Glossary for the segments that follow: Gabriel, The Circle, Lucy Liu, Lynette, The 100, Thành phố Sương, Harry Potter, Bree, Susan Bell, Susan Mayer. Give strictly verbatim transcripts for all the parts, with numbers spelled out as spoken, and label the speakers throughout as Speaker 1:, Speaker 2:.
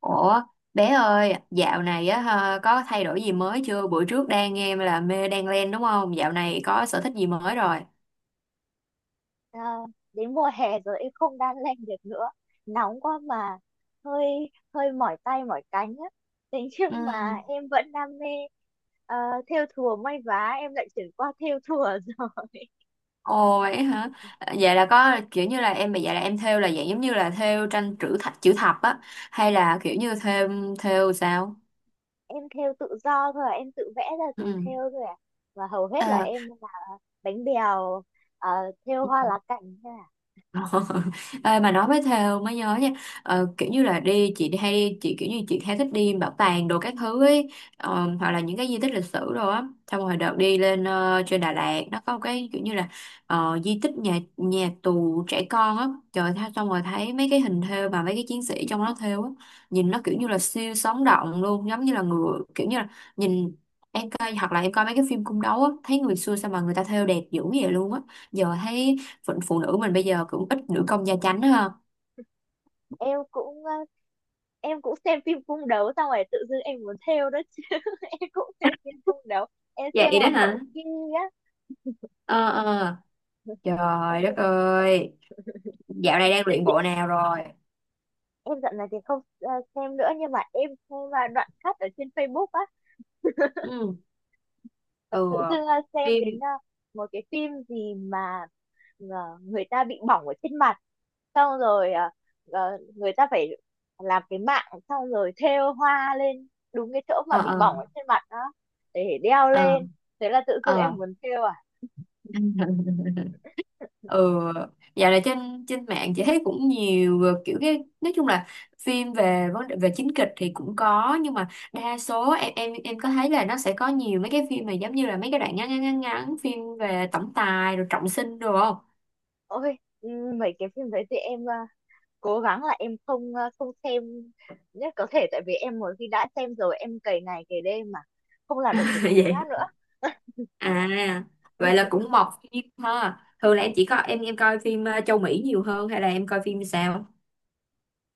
Speaker 1: Ủa, bé ơi, dạo này á ha, có thay đổi gì mới chưa? Bữa trước đang nghe là mê đan len đúng không? Dạo này có sở thích gì mới rồi?
Speaker 2: Ờ, Đến mùa hè rồi em không đan len được nữa, nóng quá mà hơi hơi mỏi tay mỏi cánh á. Thế
Speaker 1: Ừ.
Speaker 2: nhưng mà em vẫn đam mê ờ, thêu thùa may vá, em lại chuyển qua thêu thùa rồi.
Speaker 1: Ồ vậy hả? Vậy là có kiểu như là em, vậy là em thêu là dạng giống như là thêu tranh chữ thập, chữ thập á, hay là kiểu như thêu, thêu sao?
Speaker 2: Em thêu tự do thôi à, em tự vẽ ra rồi
Speaker 1: Ừ.
Speaker 2: thêu thôi à. Và hầu hết là em làm bánh bèo, ờ, thêu hoa lá cảnh thôi à.
Speaker 1: Ê, mà nói với Thêu mới nhớ nha. Ờ, kiểu như là đi chị, đi hay đi chị, kiểu như chị hay thích đi bảo tàng đồ các thứ ấy, ờ, hoặc là những cái di tích lịch sử đồ á, xong rồi đợt đi lên ờ, trên Đà Lạt nó có một cái kiểu như là, ờ, di tích nhà nhà tù trẻ con á trời tha, xong rồi thấy mấy cái hình thêu mà mấy cái chiến sĩ trong đó thêu á, nhìn nó kiểu như là siêu sống động luôn, giống như là người kiểu như là nhìn. Em coi, hoặc là em coi mấy cái phim cung đấu á, thấy người xưa sao mà người ta thêu đẹp dữ vậy luôn á. Giờ thấy phụ, phụ nữ mình bây giờ cũng ít nữ công gia chánh ha.
Speaker 2: em cũng ờ, em cũng xem phim cung đấu, xong rồi tự dưng em muốn thêu đó chứ. Em cũng xem phim cung đấu. Em xem
Speaker 1: Vậy đó
Speaker 2: hoàng
Speaker 1: hả?
Speaker 2: hậu Kim á.
Speaker 1: Ờ ờ.
Speaker 2: Em
Speaker 1: Trời đất
Speaker 2: xem.
Speaker 1: ơi, dạo này đang
Speaker 2: Thế
Speaker 1: luyện
Speaker 2: chị,
Speaker 1: bộ nào rồi?
Speaker 2: em dạo này thì không ờ, xem nữa, nhưng mà em xem ờ, đoạn cắt ở trên Facebook á.
Speaker 1: Ừ.
Speaker 2: Và
Speaker 1: Ừ.
Speaker 2: tự dưng ờ, xem
Speaker 1: Phim.
Speaker 2: đến ờ, một cái phim gì mà ờ, người ta bị bỏng ở trên mặt, xong rồi ờ, ờ, người ta phải làm cái mạng xong rồi thêu hoa lên đúng cái chỗ mà
Speaker 1: Ờ
Speaker 2: bị
Speaker 1: ờ.
Speaker 2: bỏng ở trên mặt đó để đeo
Speaker 1: Ờ.
Speaker 2: lên. Thế là tự dưng
Speaker 1: Ờ.
Speaker 2: em muốn thêu à.
Speaker 1: Ừ, dạo này trên trên mạng chị thấy cũng nhiều, ờ, kiểu cái nói chung là phim về vấn đề về chính kịch thì cũng có, nhưng mà đa số em em em có thấy là nó sẽ có nhiều mấy cái phim mà giống như là mấy cái đoạn ngắn ngắn ngắn ngắn, phim về tổng tài rồi trọng sinh rồi không.
Speaker 2: Ôi ừ, mấy cái phim đấy thì em ờ, cố gắng là em không ờ, không xem nhất có thể, tại vì em một khi đã xem rồi em cày ngày cày đêm mà không làm được việc gì
Speaker 1: Vậy.
Speaker 2: khác nữa.
Speaker 1: À, vậy là cũng mọc phim ha. Thường là em chỉ có em em coi phim ờ, châu Mỹ nhiều hơn hay là em coi phim sao?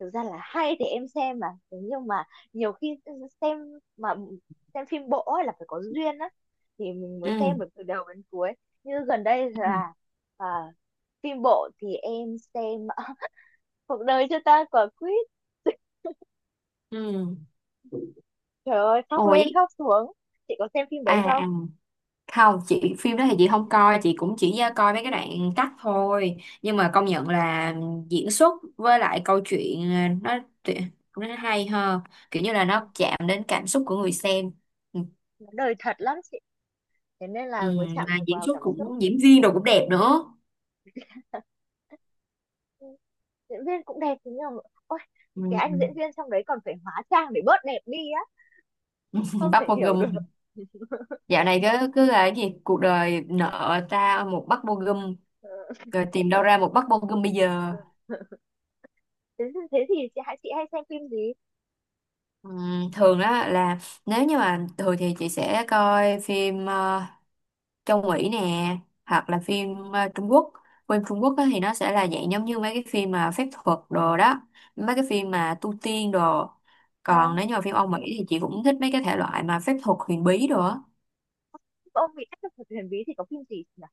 Speaker 2: Thực ra là hay thì em xem mà, nhưng mà nhiều khi xem mà xem phim bộ ấy là phải có duyên á, thì mình
Speaker 1: Ừ.
Speaker 2: mới xem được từ đầu đến cuối. Như gần đây
Speaker 1: Ừ.
Speaker 2: là à, phim bộ thì em xem à, Cuộc đời cho ta quả quýt.
Speaker 1: Ừ.
Speaker 2: Trời ơi khóc
Speaker 1: Ồ
Speaker 2: lên
Speaker 1: vậy.
Speaker 2: khóc xuống. Chị có xem phim đấy
Speaker 1: À,
Speaker 2: không?
Speaker 1: à, không chị phim đó thì chị không coi, chị cũng chỉ ờ, coi mấy cái đoạn cắt thôi, nhưng mà công nhận là diễn xuất với lại câu chuyện, ờ, nó tuyệt- nó hay hơn, kiểu như là
Speaker 2: Ừ,
Speaker 1: nó chạm đến cảm xúc của người xem. Ừ.
Speaker 2: nó đời thật lắm chị, thế nên
Speaker 1: Ừ,
Speaker 2: là mới chạm
Speaker 1: mà
Speaker 2: vào
Speaker 1: diễn
Speaker 2: vào
Speaker 1: xuất
Speaker 2: cảm xúc.
Speaker 1: cũng diễn viên đồ cũng đẹp nữa.
Speaker 2: Ừ, diễn viên cũng đẹp, thế nhưng mà ôi, cái
Speaker 1: Ừ.
Speaker 2: anh diễn viên trong đấy còn phải hóa trang để bớt đẹp đi á, không
Speaker 1: Bắt
Speaker 2: thể
Speaker 1: một
Speaker 2: hiểu được.
Speaker 1: gùm. Dạo này cứ cứ là cái gì cuộc đời nợ ta một bát bô gum, rồi tìm đâu ra một bát bô gum bây giờ.
Speaker 2: thế, thế thì chị hãy chị hay xem phim gì?
Speaker 1: Ừm, thường đó là nếu như mà thường thì chị sẽ coi phim ờ, châu Mỹ nè, hoặc là phim ờ, Trung Quốc. Phim Trung Quốc á thì nó sẽ là dạng giống như mấy cái phim mà phép thuật đồ đó, mấy cái phim mà tu tiên đồ.
Speaker 2: à,
Speaker 1: Còn nếu như mà phim Âu Mỹ thì chị cũng thích mấy cái thể loại mà phép thuật huyền bí đồ á.
Speaker 2: ông bị áp lực thuật huyền bí thì có phim gì nhỉ?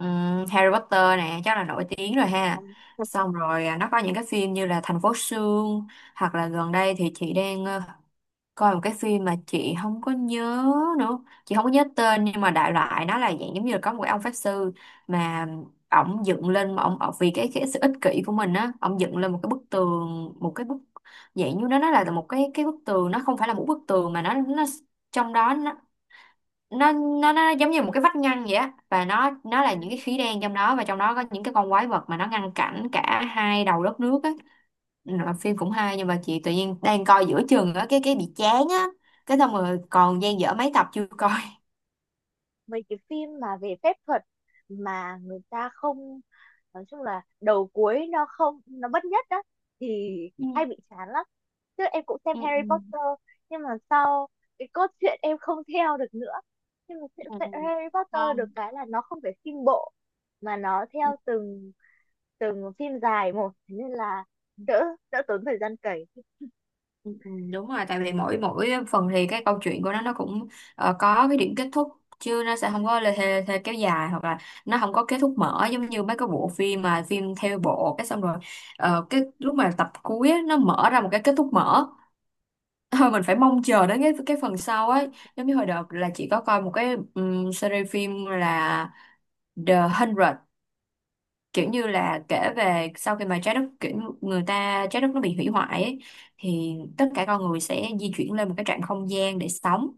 Speaker 1: Ừ, Harry Potter nè chắc là nổi tiếng rồi
Speaker 2: à,
Speaker 1: ha, xong rồi à, nó có những cái phim như là Thành phố Sương, hoặc là gần đây thì chị đang ờ, coi một cái phim mà chị không có nhớ nữa, chị không có nhớ tên, nhưng mà đại loại nó là dạng giống như là có một cái ông pháp sư mà ổng dựng lên, mà ổng ổng vì cái cái sự ích kỷ của mình á ổng dựng lên một cái bức tường, một cái bức, dạng như nó nó là một cái cái bức tường, nó không phải là một bức tường mà nó nó trong đó nó nó nó nó giống như một cái vách ngăn vậy á, và nó nó là những cái khí đen trong đó, và trong đó có những cái con quái vật mà nó ngăn cản cả hai đầu đất nước á. Rồi phim cũng hay nhưng mà chị tự nhiên đang coi giữa chừng á cái cái bị chán á, cái xong rồi còn dang dở mấy tập chưa coi.
Speaker 2: Mấy cái phim mà về phép thuật mà người ta không, nói chung là đầu cuối nó không, nó bất nhất đó thì
Speaker 1: Ừ.
Speaker 2: hay bị chán lắm. Trước em cũng xem
Speaker 1: Ừ.
Speaker 2: Harry Potter, nhưng mà sau cái cốt truyện em không theo được nữa. Nhưng mà chuyện-
Speaker 1: Ừ.
Speaker 2: chuyện
Speaker 1: Ừ.
Speaker 2: Harry Potter được
Speaker 1: Không.
Speaker 2: cái là nó không phải phim bộ mà nó theo từng từng phim dài một, thế nên là đỡ đỡ tốn thời gian cày.
Speaker 1: Ừ, ừ, đúng rồi tại vì mỗi mỗi phần thì cái câu chuyện của nó nó cũng ờ, có cái điểm kết thúc, chứ nó sẽ không có lê thê, thê kéo dài, hoặc là nó không có kết thúc mở giống như mấy cái bộ phim mà phim theo bộ cái xong rồi, ờ, cái lúc mà tập cuối á, nó mở ra một cái kết thúc mở. Thôi mình phải mong chờ đến cái cái phần sau ấy. Giống như hồi đợt là chị có coi một cái ừm, series phim là The the hundred, kiểu như là kể về sau khi mà trái đất kiểu, người ta trái đất nó bị hủy hoại ấy, thì tất cả con người sẽ di chuyển lên một cái trạng không gian để sống.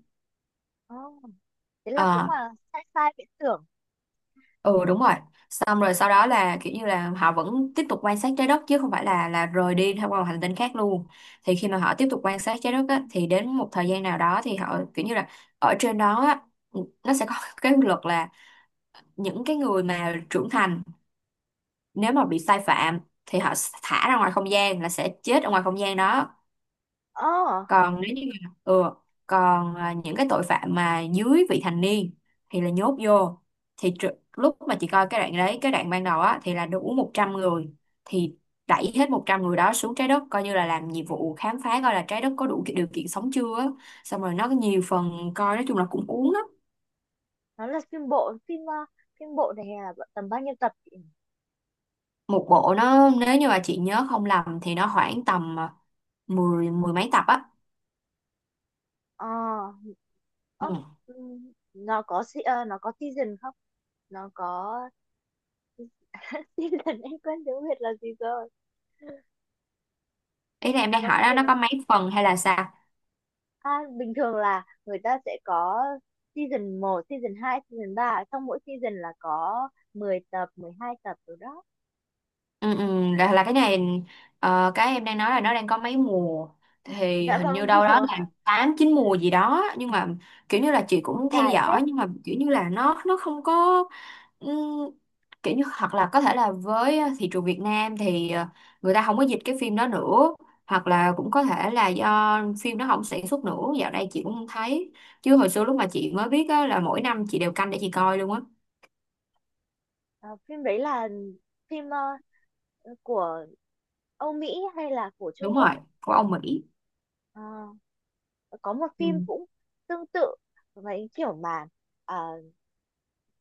Speaker 2: Oh, thế là cũng
Speaker 1: Ờ,
Speaker 2: là sci-fi viễn tưởng.
Speaker 1: ừ đúng rồi. Xong rồi sau đó là kiểu như là họ vẫn tiếp tục quan sát trái đất, chứ không phải là là rời đi theo qua một hành tinh khác luôn. Thì khi mà họ tiếp tục quan sát trái đất á, thì đến một thời gian nào đó thì họ kiểu như là ở trên đó á, nó sẽ có cái luật là những cái người mà trưởng thành nếu mà bị sai phạm thì họ thả ra ngoài không gian là sẽ chết ở ngoài không gian đó.
Speaker 2: Oh,
Speaker 1: Còn nếu như mà- ừ, còn à, những cái tội phạm mà dưới vị thành niên thì là nhốt vô. Thì tr- lúc mà chị coi cái đoạn đấy cái đoạn ban đầu á thì là đủ một trăm người, thì đẩy hết một trăm người đó xuống trái đất coi như là làm nhiệm vụ khám phá coi là trái đất có đủ ki- điều kiện sống chưa á. Xong rồi nó có nhiều phần coi, nói chung là cũng cuốn lắm.
Speaker 2: nó là phim bộ, phim ờ, phim bộ này là tầm bao nhiêu tập chị nhỉ?
Speaker 1: Một bộ nó nếu như mà chị nhớ không lầm thì nó khoảng tầm à, mười, mười mấy tập á.
Speaker 2: Ờ Ơ,
Speaker 1: Ừ.
Speaker 2: ừm, nó có se- ờ, nó có season không? Nó có season, em quên tiếng Việt là gì rồi.
Speaker 1: Ý là em
Speaker 2: Nó
Speaker 1: đang
Speaker 2: có
Speaker 1: hỏi đó,
Speaker 2: season
Speaker 1: nó có
Speaker 2: không?
Speaker 1: mấy phần hay là sao.
Speaker 2: À, bình thường là người ta sẽ có season một, season hai, season ba. Trong mỗi season là có mười tập, mười hai tập rồi đó.
Speaker 1: Ừ, ừ, là, là cái này ờ, cái em đang nói là nó đang có mấy mùa, thì
Speaker 2: Dạ
Speaker 1: hình như
Speaker 2: vâng,
Speaker 1: đâu đó
Speaker 2: mùa.
Speaker 1: là tám chín mùa gì đó, nhưng mà kiểu như là chị
Speaker 2: Ôi,
Speaker 1: cũng theo
Speaker 2: dài thế.
Speaker 1: dõi nhưng mà kiểu như là nó nó không có. Ừm, kiểu như hoặc là có thể là với thị trường Việt Nam thì ờ, người ta không có dịch cái phim đó nữa, hoặc là cũng có thể là do phim nó không sản xuất nữa, dạo đây chị cũng không thấy, chứ hồi xưa lúc mà chị mới biết á, là mỗi năm chị đều canh để chị coi luôn á.
Speaker 2: Ờ, Phim đấy là phim ờ, của Âu Mỹ hay là của Trung
Speaker 1: Đúng rồi,
Speaker 2: Quốc ấy.
Speaker 1: của ông Mỹ.
Speaker 2: Ờ, có một
Speaker 1: Ừ.
Speaker 2: phim cũng tương tự với kiểu mà ờ,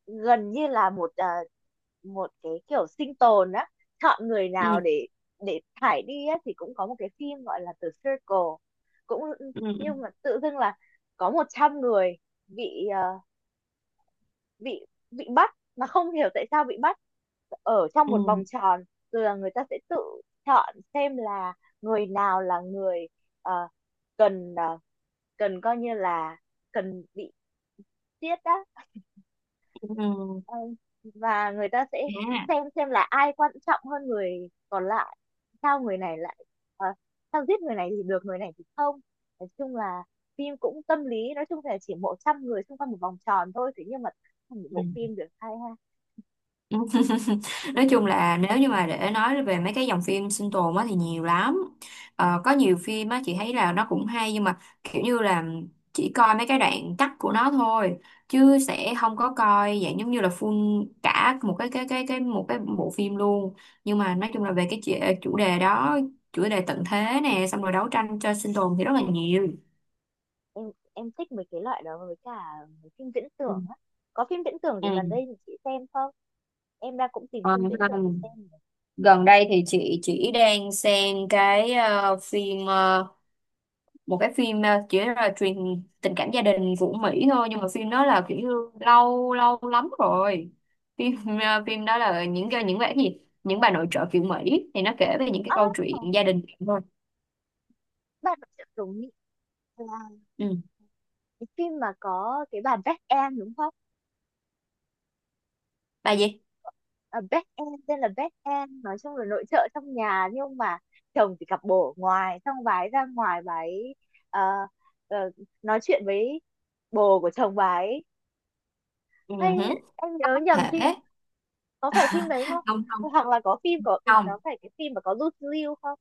Speaker 2: gần như là một, ờ, một cái kiểu sinh tồn á, chọn người nào
Speaker 1: Ừ.
Speaker 2: để để thải đi á, thì cũng có một cái phim gọi là The Circle cũng.
Speaker 1: Ừ. Ừ.
Speaker 2: Nhưng mà tự dưng là có một trăm người bị ờ, bị bị bắt mà không hiểu tại sao bị bắt, ở trong một
Speaker 1: Ừ.
Speaker 2: vòng tròn. Rồi là người ta sẽ tự chọn xem là người nào là người, ờ, cần, ờ, cần coi như là cần bị giết á.
Speaker 1: Ừ.
Speaker 2: Ờ, và người ta sẽ
Speaker 1: À.
Speaker 2: xem xem là ai quan trọng hơn người còn lại, sao người này lại, ờ, sao giết người này thì được, người này thì không. Nói chung là phim cũng tâm lý, nói chung là chỉ một trăm người xung quanh một vòng tròn thôi, thế nhưng mà thành một
Speaker 1: Ừ.
Speaker 2: bộ phim được hay ha.
Speaker 1: Nói chung là nếu như mà để nói về mấy cái dòng phim sinh tồn á thì nhiều lắm, ờ, có nhiều phim á chị thấy là nó cũng hay nhưng mà kiểu như là chỉ coi mấy cái đoạn cắt của nó thôi, chứ sẽ không có coi dạng giống như là full cả một cái cái cái cái một cái bộ phim luôn. Nhưng mà nói chung là về cái chủ chủ đề đó, chủ đề tận thế nè xong rồi đấu tranh cho sinh tồn thì rất là nhiều.
Speaker 2: Em em thích mấy cái loại đó với cả mấy phim viễn
Speaker 1: Ừ.
Speaker 2: tưởng á. Có phim viễn tưởng gì
Speaker 1: Ừ.
Speaker 2: gần đây thì chị xem không? Em đang cũng tìm
Speaker 1: Ờ,
Speaker 2: phim viễn tưởng để xem này.
Speaker 1: gần đây thì chị chỉ đang xem cái ờ, phim ờ, một cái phim ờ, chỉ là truyền tình cảm gia đình của Mỹ thôi, nhưng mà phim đó là kiểu như lâu lâu lắm rồi, phim ờ, phim đó là những cái những cái gì, những bà nội trợ kiểu Mỹ, thì nó kể về những cái
Speaker 2: à,
Speaker 1: câu chuyện gia đình thôi.
Speaker 2: Bạn sẽ đúng là
Speaker 1: Ừ.
Speaker 2: cái phim mà có cái bà Jack Anne đúng không?
Speaker 1: Bà gì?
Speaker 2: À, back end, tên là back end, nói chung là nội trợ trong nhà nhưng mà chồng thì cặp bồ ở ngoài, xong bà ấy ra ngoài bà ấy ờ, ờ, nói chuyện với bồ của chồng bà ấy.
Speaker 1: Ừ.
Speaker 2: Hay
Speaker 1: Hứ.
Speaker 2: em
Speaker 1: Có
Speaker 2: nhớ nhầm
Speaker 1: thể.
Speaker 2: phim, có phải phim đấy không?
Speaker 1: Không, không,
Speaker 2: Hoặc là có phim có
Speaker 1: không.
Speaker 2: có phải cái phim mà có Lucy Liu không?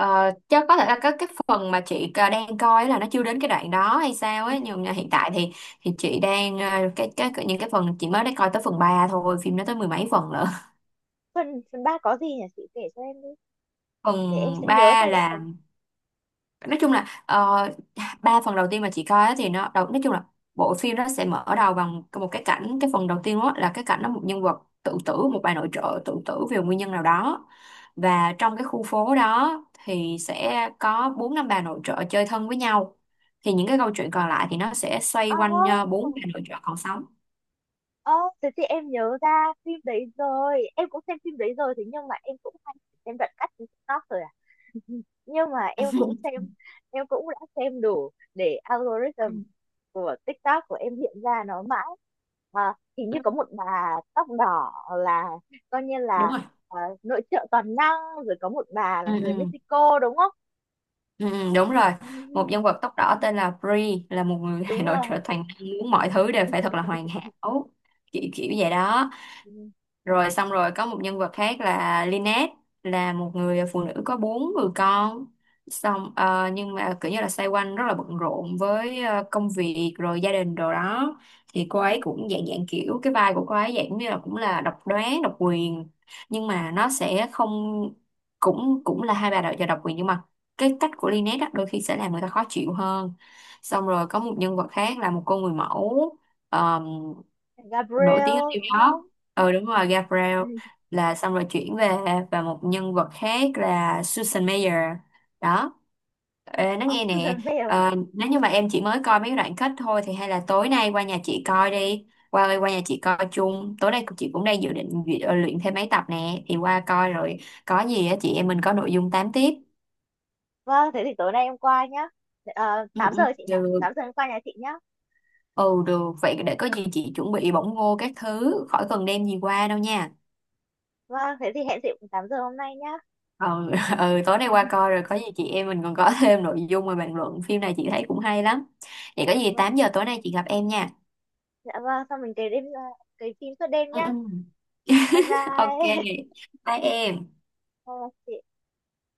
Speaker 1: Ờ, chắc có thể là cái cái phần mà chị à, đang coi là nó chưa đến cái đoạn đó hay sao ấy, nhưng mà hiện tại thì thì chị đang à, cái cái những cái phần chị mới đã coi tới phần ba thôi, phim nó tới mười mấy phần lận.
Speaker 2: Phần phần ba có gì nhỉ, chị kể cho em đi để em
Speaker 1: Phần
Speaker 2: sẽ nhớ
Speaker 1: ba
Speaker 2: xem em
Speaker 1: là,
Speaker 2: có.
Speaker 1: nói chung là ờ, ba phần đầu tiên mà chị coi á thì nó đầu nói chung là bộ phim nó sẽ mở đầu bằng một cái cảnh, cái phần đầu tiên đó là cái cảnh đó một nhân vật tự tử, một bà nội trợ tự tử vì nguyên nhân nào đó, và trong cái khu phố đó thì sẽ có bốn năm bà nội trợ chơi thân với nhau, thì những cái câu chuyện còn lại thì nó sẽ xoay quanh ờ, bốn
Speaker 2: oh,
Speaker 1: bà nội trợ còn sống.
Speaker 2: Ơ, Thế thì em nhớ ra phim đấy rồi. Em cũng xem phim đấy rồi, thế nhưng mà em cũng hay xem đoạn cắt trên TikTok rồi à. Nhưng mà em cũng xem, em cũng đã xem đủ để algorithm của TikTok của em hiện ra nó mãi. À, hình như có một bà tóc đỏ là coi như
Speaker 1: Đúng
Speaker 2: là
Speaker 1: rồi.
Speaker 2: ờ, nội trợ toàn năng, rồi có một bà
Speaker 1: Ừ,
Speaker 2: là người
Speaker 1: ừ,
Speaker 2: Mexico đúng không?
Speaker 1: ừ, ừ, đúng rồi.
Speaker 2: Ừ,
Speaker 1: Một nhân vật tóc đỏ tên là Bree, là một người
Speaker 2: đúng
Speaker 1: nội
Speaker 2: rồi.
Speaker 1: trợ toàn năng muốn mọi thứ đều phải thật là hoàn hảo, kiểu kiểu vậy đó.
Speaker 2: Ừ.
Speaker 1: Rồi xong rồi có một nhân vật khác là Lynette, là một người phụ nữ có bốn người con, xong ờ, nhưng mà kiểu như là xoay quanh rất là bận rộn với ờ, công việc rồi gia đình đồ đó, thì cô ấy cũng dạng dạng kiểu cái vai của cô ấy dạng như là cũng là độc đoán độc quyền, nhưng mà nó sẽ không, cũng cũng là hai bà đợi và độc quyền nhưng mà cái cách của Lynette á, đôi khi sẽ làm người ta khó chịu hơn. Xong rồi có một nhân vật khác là một cô người mẫu nổi tiếng ở
Speaker 2: Gabriel
Speaker 1: New
Speaker 2: đúng
Speaker 1: York,
Speaker 2: không?
Speaker 1: ừ đúng rồi Gabriel,
Speaker 2: Ừ.
Speaker 1: là xong rồi chuyển về, và một nhân vật khác là Susan Mayer đó. Ê, nó
Speaker 2: Ờ,
Speaker 1: nghe nè,
Speaker 2: Susan Bell.
Speaker 1: ờ, nếu như mà em chỉ mới coi mấy đoạn kết thôi thì hay là tối nay qua nhà chị coi đi, qua qua nhà chị coi chung tối nay, chị cũng đang dự định duyệt- ờ, luyện thêm mấy tập nè thì qua coi rồi, có gì á chị em mình có nội dung tám tiếp.
Speaker 2: Vâng, thế thì tối nay em qua nhá. Ờ,
Speaker 1: Ừ,
Speaker 2: tám giờ
Speaker 1: ừ,
Speaker 2: chị nhỉ? tám
Speaker 1: được.
Speaker 2: giờ em qua nhà chị nhá.
Speaker 1: Ừ được, vậy để có gì chị chuẩn bị bỏng ngô các thứ khỏi cần đem gì qua đâu nha.
Speaker 2: Vâng, thế thì hẹn chị cũng tám giờ hôm nay nhá.
Speaker 1: Ừ, ừ tối nay qua coi rồi, có gì chị em mình còn có thêm nội dung mà bàn luận phim này, chị thấy cũng hay lắm. Vậy có gì
Speaker 2: Vâng,
Speaker 1: tám giờ tối nay chị gặp em nha.
Speaker 2: dạ vâng, xong mình kể đêm ờ, kể phim suốt đêm
Speaker 1: Ừ,
Speaker 2: nhá.
Speaker 1: ừ.
Speaker 2: Bye
Speaker 1: Ok,
Speaker 2: bye.
Speaker 1: bye em.
Speaker 2: Bye bye chị.